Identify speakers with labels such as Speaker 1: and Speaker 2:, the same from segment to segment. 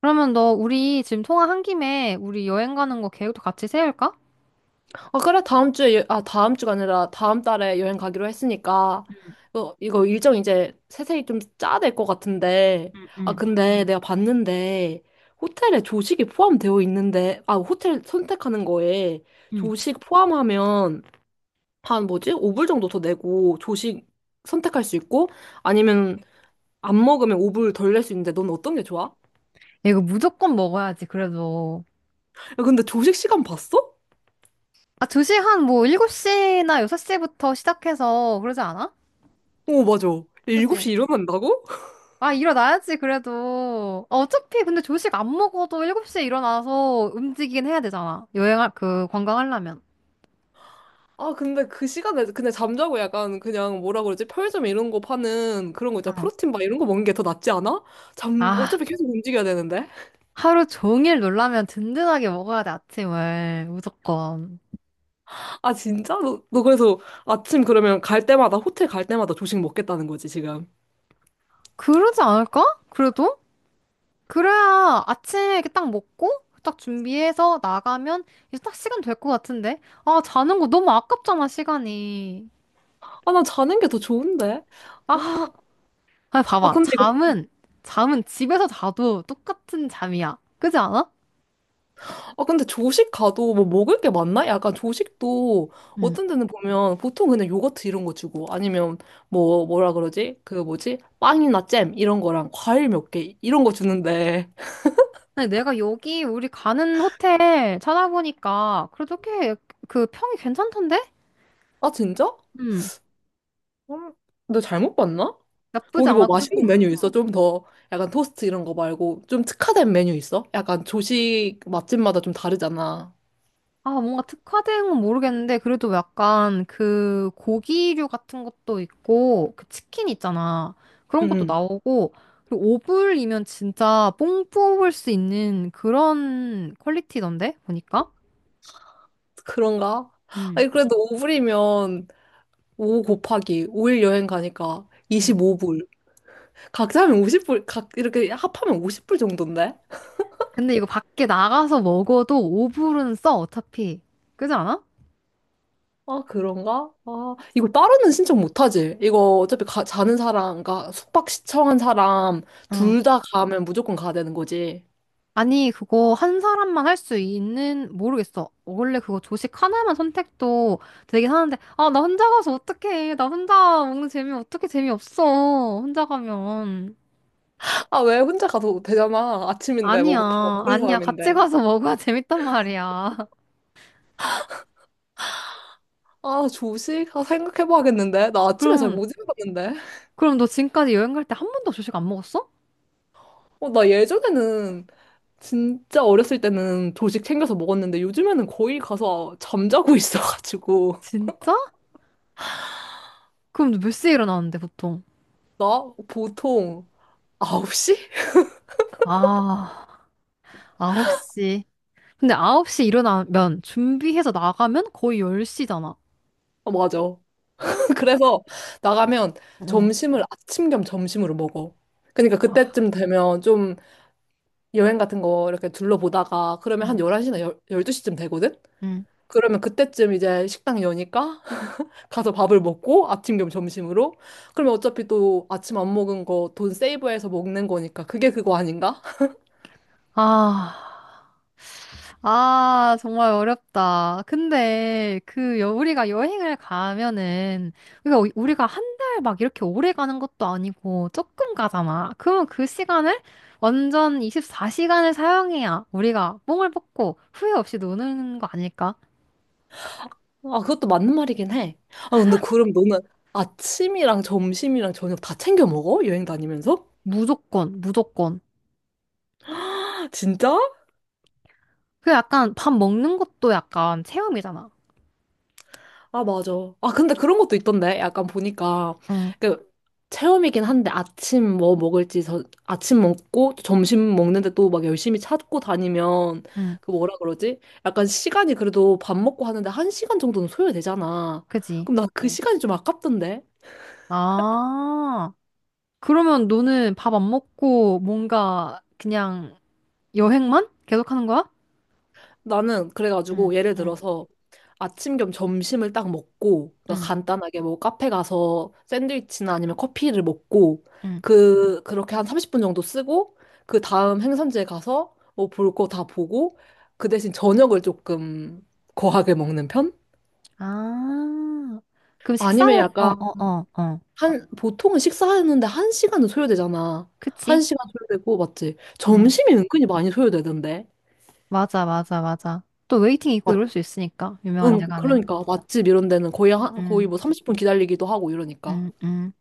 Speaker 1: 그러면 너 우리 지금 통화한 김에 우리 여행 가는 거 계획도 같이 세울까?
Speaker 2: 아, 그래, 다음 주에, 아, 다음 주가 아니라 다음 달에 여행 가기로 했으니까, 이거 일정 이제 세세히 좀 짜야 될 것 같은데,
Speaker 1: 응,
Speaker 2: 아,
Speaker 1: 응,
Speaker 2: 근데 내가 봤는데, 호텔에 조식이 포함되어 있는데, 아, 호텔 선택하는 거에
Speaker 1: 응.
Speaker 2: 조식 포함하면 한 뭐지? 5불 정도 더 내고, 조식 선택할 수 있고, 아니면 안 먹으면 5불 덜 낼 수 있는데, 넌 어떤 게 좋아?
Speaker 1: 야, 이거 무조건 먹어야지, 그래도.
Speaker 2: 야, 근데 조식 시간 봤어?
Speaker 1: 아, 2시한 뭐 7시나 6시부터 시작해서 그러지 않아?
Speaker 2: 오, 맞아.
Speaker 1: 그치?
Speaker 2: 7시 일어난다고?
Speaker 1: 아, 일어나야지, 그래도. 아, 어차피 근데 조식 안 먹어도 7시에 일어나서 움직이긴 해야 되잖아. 여행할, 그, 관광하려면.
Speaker 2: 아, 근데 그 시간에, 근데 잠자고 약간 그냥 뭐라 그러지? 편의점 이런 거 파는 그런 거 있잖아.
Speaker 1: 어.
Speaker 2: 프로틴 바 이런 거 먹는 게 더 낫지 않아? 잠,
Speaker 1: 아,
Speaker 2: 어차피 계속 움직여야 되는데?
Speaker 1: 하루 종일 놀라면 든든하게 먹어야 돼, 아침을. 무조건.
Speaker 2: 아, 진짜? 너 그래서 아침 그러면 갈 때마다, 호텔 갈 때마다 조식 먹겠다는 거지, 지금.
Speaker 1: 그러지 않을까? 그래도? 그래야 아침에 이렇게 딱 먹고 딱 준비해서 나가면 이제 딱 시간 될 것 같은데. 아, 자는 거 너무 아깝잖아, 시간이.
Speaker 2: 아, 난 자는 게 더 좋은데?
Speaker 1: 아,
Speaker 2: 아,
Speaker 1: 아,
Speaker 2: 아,
Speaker 1: 봐봐.
Speaker 2: 근데 이거,
Speaker 1: 잠은, 잠은 집에서 자도 똑같은 잠이야. 그지 않아?
Speaker 2: 아, 근데 조식 가도 뭐 먹을 게 많나? 약간 조식도
Speaker 1: 응.
Speaker 2: 어떤 데는 보면 보통 그냥 요거트 이런 거 주고 아니면 뭐, 뭐라 그러지? 그 뭐지? 빵이나 잼 이런 거랑 과일 몇 개 이런 거 주는데.
Speaker 1: 아니, 내가 여기 우리 가는 호텔 찾아보니까 그래도 꽤 그 평이 괜찮던데?
Speaker 2: 아, 진짜?
Speaker 1: 응.
Speaker 2: 음, 너 잘못 봤나?
Speaker 1: 나쁘지
Speaker 2: 거기 뭐
Speaker 1: 않아.
Speaker 2: 맛있는
Speaker 1: 그리고
Speaker 2: 메뉴 있어? 좀 더 약간 토스트 이런 거 말고 좀 특화된 메뉴 있어? 약간 조식 맛집마다 좀 다르잖아.
Speaker 1: 아, 뭔가 특화된 건 모르겠는데, 그래도 약간 그 고기류 같은 것도 있고, 그 치킨 있잖아. 그런 것도
Speaker 2: 응,
Speaker 1: 나오고, 그리고 오불이면 진짜 뽕 뽑을 수 있는 그런 퀄리티던데, 보니까.
Speaker 2: 그런가?
Speaker 1: 응,
Speaker 2: 아니, 그래도 5불이면 5 곱하기 5일 여행 가니까
Speaker 1: 응.
Speaker 2: 25불. 각자 하면 50불, 각 이렇게 합하면 50불 정도인데?
Speaker 1: 근데 이거 밖에 나가서 먹어도 오불은 써, 어차피. 그지 않아?
Speaker 2: 아, 그런가? 아, 이거 따로는 신청 못하지? 이거 어차피 가, 자는 사람, 그러니까 숙박 시청한 사람 둘
Speaker 1: 어.
Speaker 2: 다 가면 무조건 가야 되는 거지.
Speaker 1: 아니, 그거 한 사람만 할 수 있는, 모르겠어. 원래 그거 조식 하나만 선택도 되긴 하는데, 아, 나 혼자 가서 어떡해. 나 혼자 먹는 재미 어떻게 재미없어. 혼자 가면.
Speaker 2: 아, 왜 혼자 가도 되잖아. 아침인데, 뭐, 다
Speaker 1: 아니야,
Speaker 2: 먹는
Speaker 1: 아니야. 같이
Speaker 2: 사람인데.
Speaker 1: 가서 먹어야 재밌단 말이야.
Speaker 2: 아, 조식? 아, 생각해봐야겠는데. 나 아침에 잘
Speaker 1: 그럼,
Speaker 2: 못 일어났는데.
Speaker 1: 그럼 너 지금까지 여행 갈 때 한 번도 조식 안 먹었어?
Speaker 2: 어, 나 예전에는, 진짜 어렸을 때는 조식 챙겨서 먹었는데, 요즘에는 거의 가서 잠자고 있어가지고.
Speaker 1: 진짜? 그럼 너 몇 시에 일어나는데, 보통?
Speaker 2: 나 보통 9시?
Speaker 1: 아, 9시. 근데 9시 일어나면, 준비해서 나가면 거의 10시잖아.
Speaker 2: 아, 맞아. 그래서 나가면
Speaker 1: 응.
Speaker 2: 점심을 아침 겸 점심으로 먹어. 그러니까
Speaker 1: 아,
Speaker 2: 그때쯤 되면 좀 여행 같은 거 이렇게 둘러보다가 그러면 한
Speaker 1: 응.
Speaker 2: 11시나 12시쯤 되거든?
Speaker 1: 응.
Speaker 2: 그러면 그때쯤 이제 식당 여니까 가서 밥을 먹고 아침 겸 점심으로 그러면 어차피 또 아침 안 먹은 거 돈 세이브해서 먹는 거니까 그게 그거 아닌가?
Speaker 1: 아, 아, 정말 어렵다. 근데 그 여, 우리가 여행을 가면은 우리가 우리가 한 달 막 이렇게 오래 가는 것도 아니고 조금 가잖아. 그럼 그 시간을 완전 24시간을 사용해야 우리가 뽕을 뽑고 후회 없이 노는 거 아닐까?
Speaker 2: 아 그것도 맞는 말이긴 해. 아 근데 그럼 너는 아침이랑 점심이랑 저녁 다 챙겨 먹어? 여행 다니면서?
Speaker 1: 무조건, 무조건.
Speaker 2: 진짜?
Speaker 1: 그 약간 밥 먹는 것도 약간 체험이잖아.
Speaker 2: 아, 맞아. 아, 근데 그런 것도 있던데. 약간 보니까.
Speaker 1: 응,
Speaker 2: 그, 체험이긴 한데 아침 뭐 먹을지 저, 아침 먹고 또 점심 먹는데 또 막 열심히 찾고 다니면
Speaker 1: 응,
Speaker 2: 그 뭐라 그러지? 약간 시간이 그래도 밥 먹고 하는데 한 시간 정도는 소요되잖아.
Speaker 1: 그지?
Speaker 2: 그럼 나 그 시간이 좀 아깝던데.
Speaker 1: 아, 그러면 너는 밥 안 먹고 뭔가 그냥 여행만 계속하는 거야?
Speaker 2: 나는
Speaker 1: 응,
Speaker 2: 그래가지고 예를
Speaker 1: 응,
Speaker 2: 들어서 아침 겸 점심을 딱 먹고 그러니까
Speaker 1: 응,
Speaker 2: 간단하게 뭐 카페 가서 샌드위치나 아니면 커피를 먹고
Speaker 1: 응.
Speaker 2: 그 그렇게 한 30분 정도 쓰고 그 다음 행선지에 가서 뭐 볼 거 다 보고 그 대신 저녁을 조금 거하게 먹는 편?
Speaker 1: 아, 그럼
Speaker 2: 아니면
Speaker 1: 식사를, 어,
Speaker 2: 약간
Speaker 1: 어, 어, 어.
Speaker 2: 한 보통은 식사하는데 한 시간은 소요되잖아. 한
Speaker 1: 그치?
Speaker 2: 시간 소요되고 맞지?
Speaker 1: 응,
Speaker 2: 점심이 은근히 많이 소요되던데.
Speaker 1: 맞아, 맞아, 맞아. 또 웨이팅 있고 이럴 수 있으니까, 유명한
Speaker 2: 응,
Speaker 1: 데 가면.
Speaker 2: 그러니까 맛집 이런 데는 거의 한,
Speaker 1: 응,
Speaker 2: 거의 뭐 30분 기다리기도 하고 이러니까.
Speaker 1: 응, 응.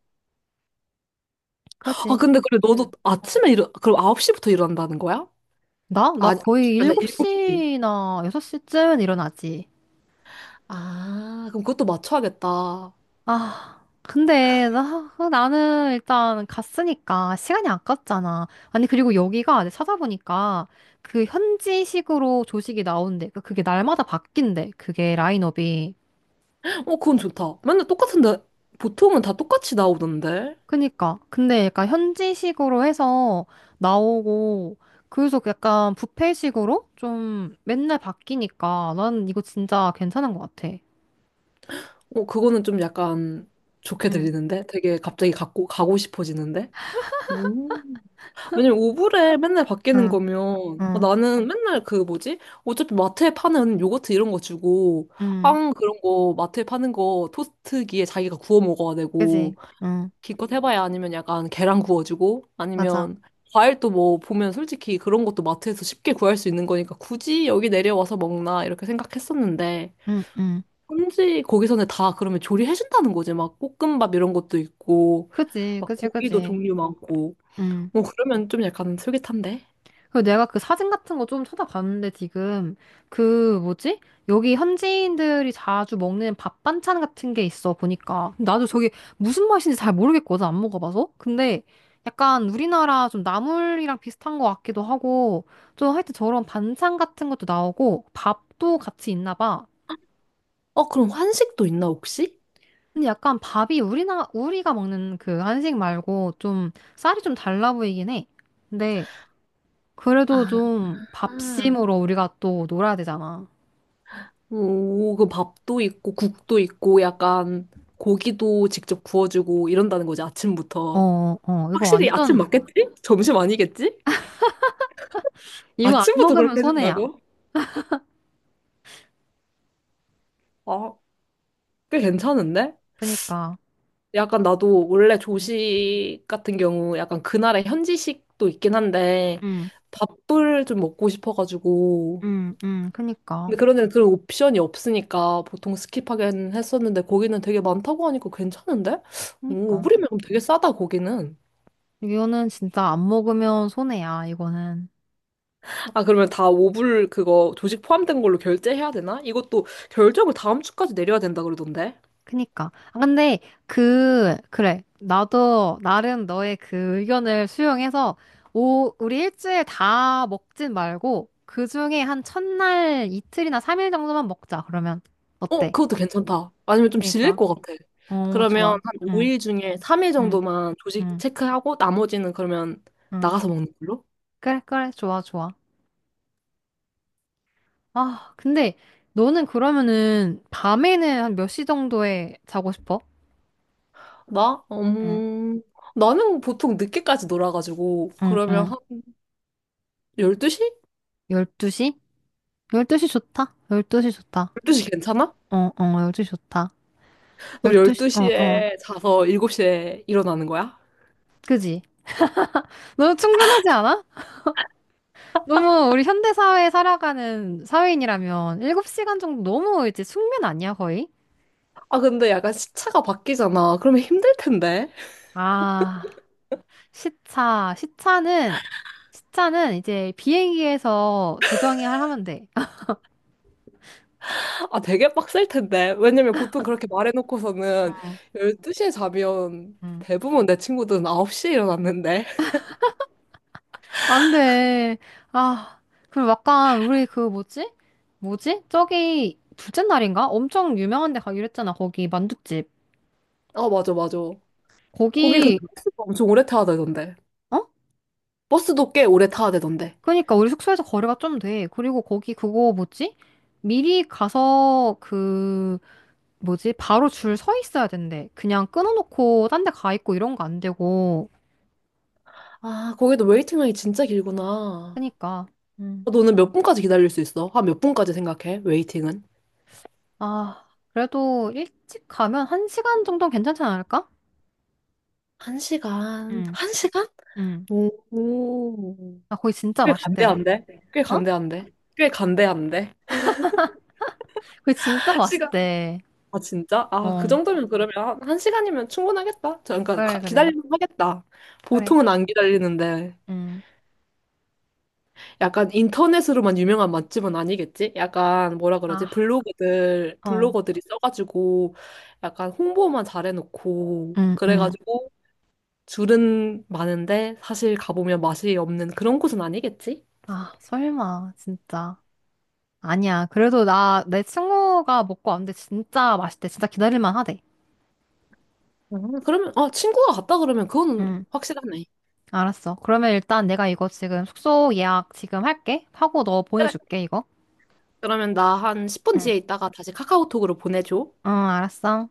Speaker 2: 아,
Speaker 1: 그지?
Speaker 2: 근데 그래 너도
Speaker 1: 응.
Speaker 2: 아침에 일어 그럼 9시부터 일어난다는 거야?
Speaker 1: 나?
Speaker 2: 아,
Speaker 1: 나
Speaker 2: 아니, 아홉 시
Speaker 1: 거의
Speaker 2: 가 아니라 7시.
Speaker 1: 7시나 6시쯤 일어나지.
Speaker 2: 아, 그럼 그것도 맞춰야겠다. 어,
Speaker 1: 아, 근데 나는 일단 갔으니까 시간이 아깝잖아. 아니, 그리고 여기가 내가 찾아보니까 그 현지식으로 조식이 나온대. 그러니까 그게 날마다 바뀐대. 그게 라인업이.
Speaker 2: 그건 좋다. 맨날 똑같은데 보통은 다 똑같이 나오던데.
Speaker 1: 그니까. 근데 약간 현지식으로 해서 나오고, 그래서 약간 뷔페식으로 좀 맨날 바뀌니까 난 이거 진짜 괜찮은 것 같아.
Speaker 2: 어, 그거는 좀 약간 좋게
Speaker 1: 응,
Speaker 2: 들리는데? 되게 갑자기 갖고 가고 싶어지는데? 음. 왜냐면 오브레 맨날 바뀌는
Speaker 1: 응,
Speaker 2: 거면 어,
Speaker 1: 응,
Speaker 2: 나는 맨날 그 뭐지? 어차피 마트에 파는 요거트 이런 거 주고
Speaker 1: 응.
Speaker 2: 빵 그런 거 마트에 파는 거 토스트기에 자기가 구워 먹어야
Speaker 1: 그지?
Speaker 2: 되고
Speaker 1: 응,
Speaker 2: 기껏 해봐야 아니면 약간 계란 구워주고
Speaker 1: 맞아.
Speaker 2: 아니면 과일도 뭐 보면 솔직히 그런 것도 마트에서 쉽게 구할 수 있는 거니까 굳이 여기 내려와서 먹나 이렇게 생각했었는데
Speaker 1: 응, 응.
Speaker 2: 현지 거기서는 다 그러면 조리해준다는 거지 막 볶음밥 이런 것도 있고
Speaker 1: 그지,
Speaker 2: 막
Speaker 1: 그지,
Speaker 2: 고기도
Speaker 1: 그지.
Speaker 2: 종류 많고
Speaker 1: 응.
Speaker 2: 뭐 그러면 좀 약간 솔깃한데?
Speaker 1: 그리고 내가 그 사진 같은 거 좀 찾아봤는데 지금 그 뭐지? 여기 현지인들이 자주 먹는 밥 반찬 같은 게 있어 보니까 근데 나도 저게 무슨 맛인지 잘 모르겠거든. 안 먹어봐서. 근데 약간 우리나라 좀 나물이랑 비슷한 것 같기도 하고 좀 하여튼 저런 반찬 같은 것도 나오고 밥도 같이 있나 봐.
Speaker 2: 어, 그럼 한식도 있나, 혹시?
Speaker 1: 근데 약간 밥이 우리나 우리가 먹는 그 한식 말고 좀 쌀이 좀 달라 보이긴 해. 근데 그래도
Speaker 2: 아,
Speaker 1: 좀 밥심으로 우리가 또 놀아야 되잖아.
Speaker 2: 오, 그 밥도 있고, 국도 있고, 약간 고기도 직접 구워주고 이런다는 거지,
Speaker 1: 어,
Speaker 2: 아침부터.
Speaker 1: 어, 이거
Speaker 2: 확실히 아침
Speaker 1: 완전,
Speaker 2: 맞겠지? 점심 아니겠지?
Speaker 1: 이거 안
Speaker 2: 아침부터
Speaker 1: 먹으면
Speaker 2: 그렇게
Speaker 1: 손해야.
Speaker 2: 해준다고? 아, 꽤 괜찮은데?
Speaker 1: 그니까.
Speaker 2: 약간 나도 원래
Speaker 1: 응,
Speaker 2: 조식 같은 경우 약간 그날의 현지식도 있긴 한데,
Speaker 1: 응,
Speaker 2: 밥을 좀 먹고 싶어가지고,
Speaker 1: 응, 응, 그니까.
Speaker 2: 근데 그런데 그런 옵션이 없으니까 보통 스킵하긴 했었는데 거기는 되게 많다고 하니까 괜찮은데? 오,
Speaker 1: 그니까.
Speaker 2: 5불이면 그럼 되게 싸다 거기는.
Speaker 1: 이거는 진짜 안 먹으면 손해야, 이거는.
Speaker 2: 아 그러면 다 5불 그거 조식 포함된 걸로 결제해야 되나? 이것도 결정을 다음 주까지 내려야 된다 그러던데.
Speaker 1: 그니까. 아, 근데, 그래. 나도, 나름 너의 그 의견을 수용해서, 오, 우리 일주일 다 먹진 말고, 그 중에 한 첫날 이틀이나 삼일 정도만 먹자, 그러면.
Speaker 2: 어
Speaker 1: 어때?
Speaker 2: 그것도 괜찮다. 아니면 좀 질릴
Speaker 1: 그니까.
Speaker 2: 것 같아.
Speaker 1: 어,
Speaker 2: 그러면
Speaker 1: 좋아.
Speaker 2: 한
Speaker 1: 응,
Speaker 2: 5일 중에 3일
Speaker 1: 응,
Speaker 2: 정도만 조식
Speaker 1: 응,
Speaker 2: 체크하고 나머지는 그러면
Speaker 1: 응.
Speaker 2: 나가서 먹는 걸로?
Speaker 1: 그래, 그래, 좋아, 좋아. 아, 근데 너는 그러면은 밤에는 한 몇 시 정도에 자고 싶어?
Speaker 2: 나?
Speaker 1: 응,
Speaker 2: 나는 보통 늦게까지 놀아가지고
Speaker 1: 응,
Speaker 2: 그러면
Speaker 1: 응.
Speaker 2: 한 12시?
Speaker 1: 12시? 12시 좋다. 12시 좋다.
Speaker 2: 12시 괜찮아?
Speaker 1: 어, 어, 12시 좋다.
Speaker 2: 그럼
Speaker 1: 12시, 어, 어.
Speaker 2: 12시에 자서 7시에 일어나는 거야?
Speaker 1: 그지? 너무 충분하지 않아? 너무 우리 현대사회에 살아가는 사회인이라면 7시간 정도 너무 이제 숙면 아니야, 거의?
Speaker 2: 아, 근데 약간 시차가 바뀌잖아. 그러면 힘들 텐데.
Speaker 1: 아, 시차, 시차는, 시차는 이제 비행기에서 조정이 하면 돼.
Speaker 2: 아, 되게 빡셀 텐데. 왜냐면 보통 그렇게 말해놓고서는
Speaker 1: 응,
Speaker 2: 12시에 자면
Speaker 1: 응.
Speaker 2: 대부분 내 친구들은 9시에 일어났는데.
Speaker 1: 안 돼. 아, 그리고 약간 우리 그 뭐지? 뭐지? 저기 둘째 날인가? 엄청 유명한 데 가기로 했잖아. 거기 만둣집.
Speaker 2: 아, 맞아, 맞아. 거기 근데
Speaker 1: 거기
Speaker 2: 버스가 엄청 오래 타야 되던데.
Speaker 1: 어?
Speaker 2: 버스도 꽤 오래 타야 되던데.
Speaker 1: 그러니까 우리 숙소에서 거리가 좀 돼. 그리고 거기 그거 뭐지? 미리 가서 그 뭐지? 바로 줄 서 있어야 된대. 그냥 끊어놓고 딴 데 가 있고 이런 거 안 되고.
Speaker 2: 아, 거기도 웨이팅 라인이 진짜 길구나.
Speaker 1: 그러니까.
Speaker 2: 너는 몇 분까지 기다릴 수 있어? 한 몇 분까지 생각해? 웨이팅은?
Speaker 1: 아, 그래도 일찍 가면 한 시간 정도는 괜찮지 않을까?
Speaker 2: 한 시간.
Speaker 1: 응,
Speaker 2: 한 시간?
Speaker 1: 응.
Speaker 2: 오.
Speaker 1: 아, 거기 진짜
Speaker 2: 꽤
Speaker 1: 맛있대.
Speaker 2: 간대한데? 꽤
Speaker 1: 어?
Speaker 2: 간대한데? 꽤 간대한데?
Speaker 1: 거기 진짜
Speaker 2: 시간.
Speaker 1: 맛있대.
Speaker 2: 아, 진짜? 아, 그
Speaker 1: 어,
Speaker 2: 정도면 그러면 한 시간이면 충분하겠다. 저, 그러니까
Speaker 1: 그래, 그래,
Speaker 2: 기다리면 하겠다.
Speaker 1: 그래.
Speaker 2: 보통은 안 기다리는데.
Speaker 1: 응,
Speaker 2: 약간 인터넷으로만 유명한 맛집은 아니겠지? 약간 뭐라
Speaker 1: 아,
Speaker 2: 그러지? 블로거들,
Speaker 1: 어.
Speaker 2: 블로거들이 써가지고 약간 홍보만 잘해놓고
Speaker 1: 응, 응.
Speaker 2: 그래가지고 줄은 많은데 사실 가보면 맛이 없는 그런 곳은 아니겠지?
Speaker 1: 아, 설마, 진짜. 아니야. 그래도 나, 내 친구가 먹고 왔는데 진짜 맛있대. 진짜 기다릴만 하대.
Speaker 2: 그러면, 아, 친구가 갔다 그러면 그건
Speaker 1: 응.
Speaker 2: 확실하네.
Speaker 1: 알았어. 그러면 일단 내가 이거 지금 숙소 예약 지금 할게. 하고 너
Speaker 2: 그래.
Speaker 1: 보내줄게, 이거.
Speaker 2: 그러면 나 한 10분
Speaker 1: 응.
Speaker 2: 뒤에 있다가 다시 카카오톡으로 보내줘.
Speaker 1: 응, 알았어.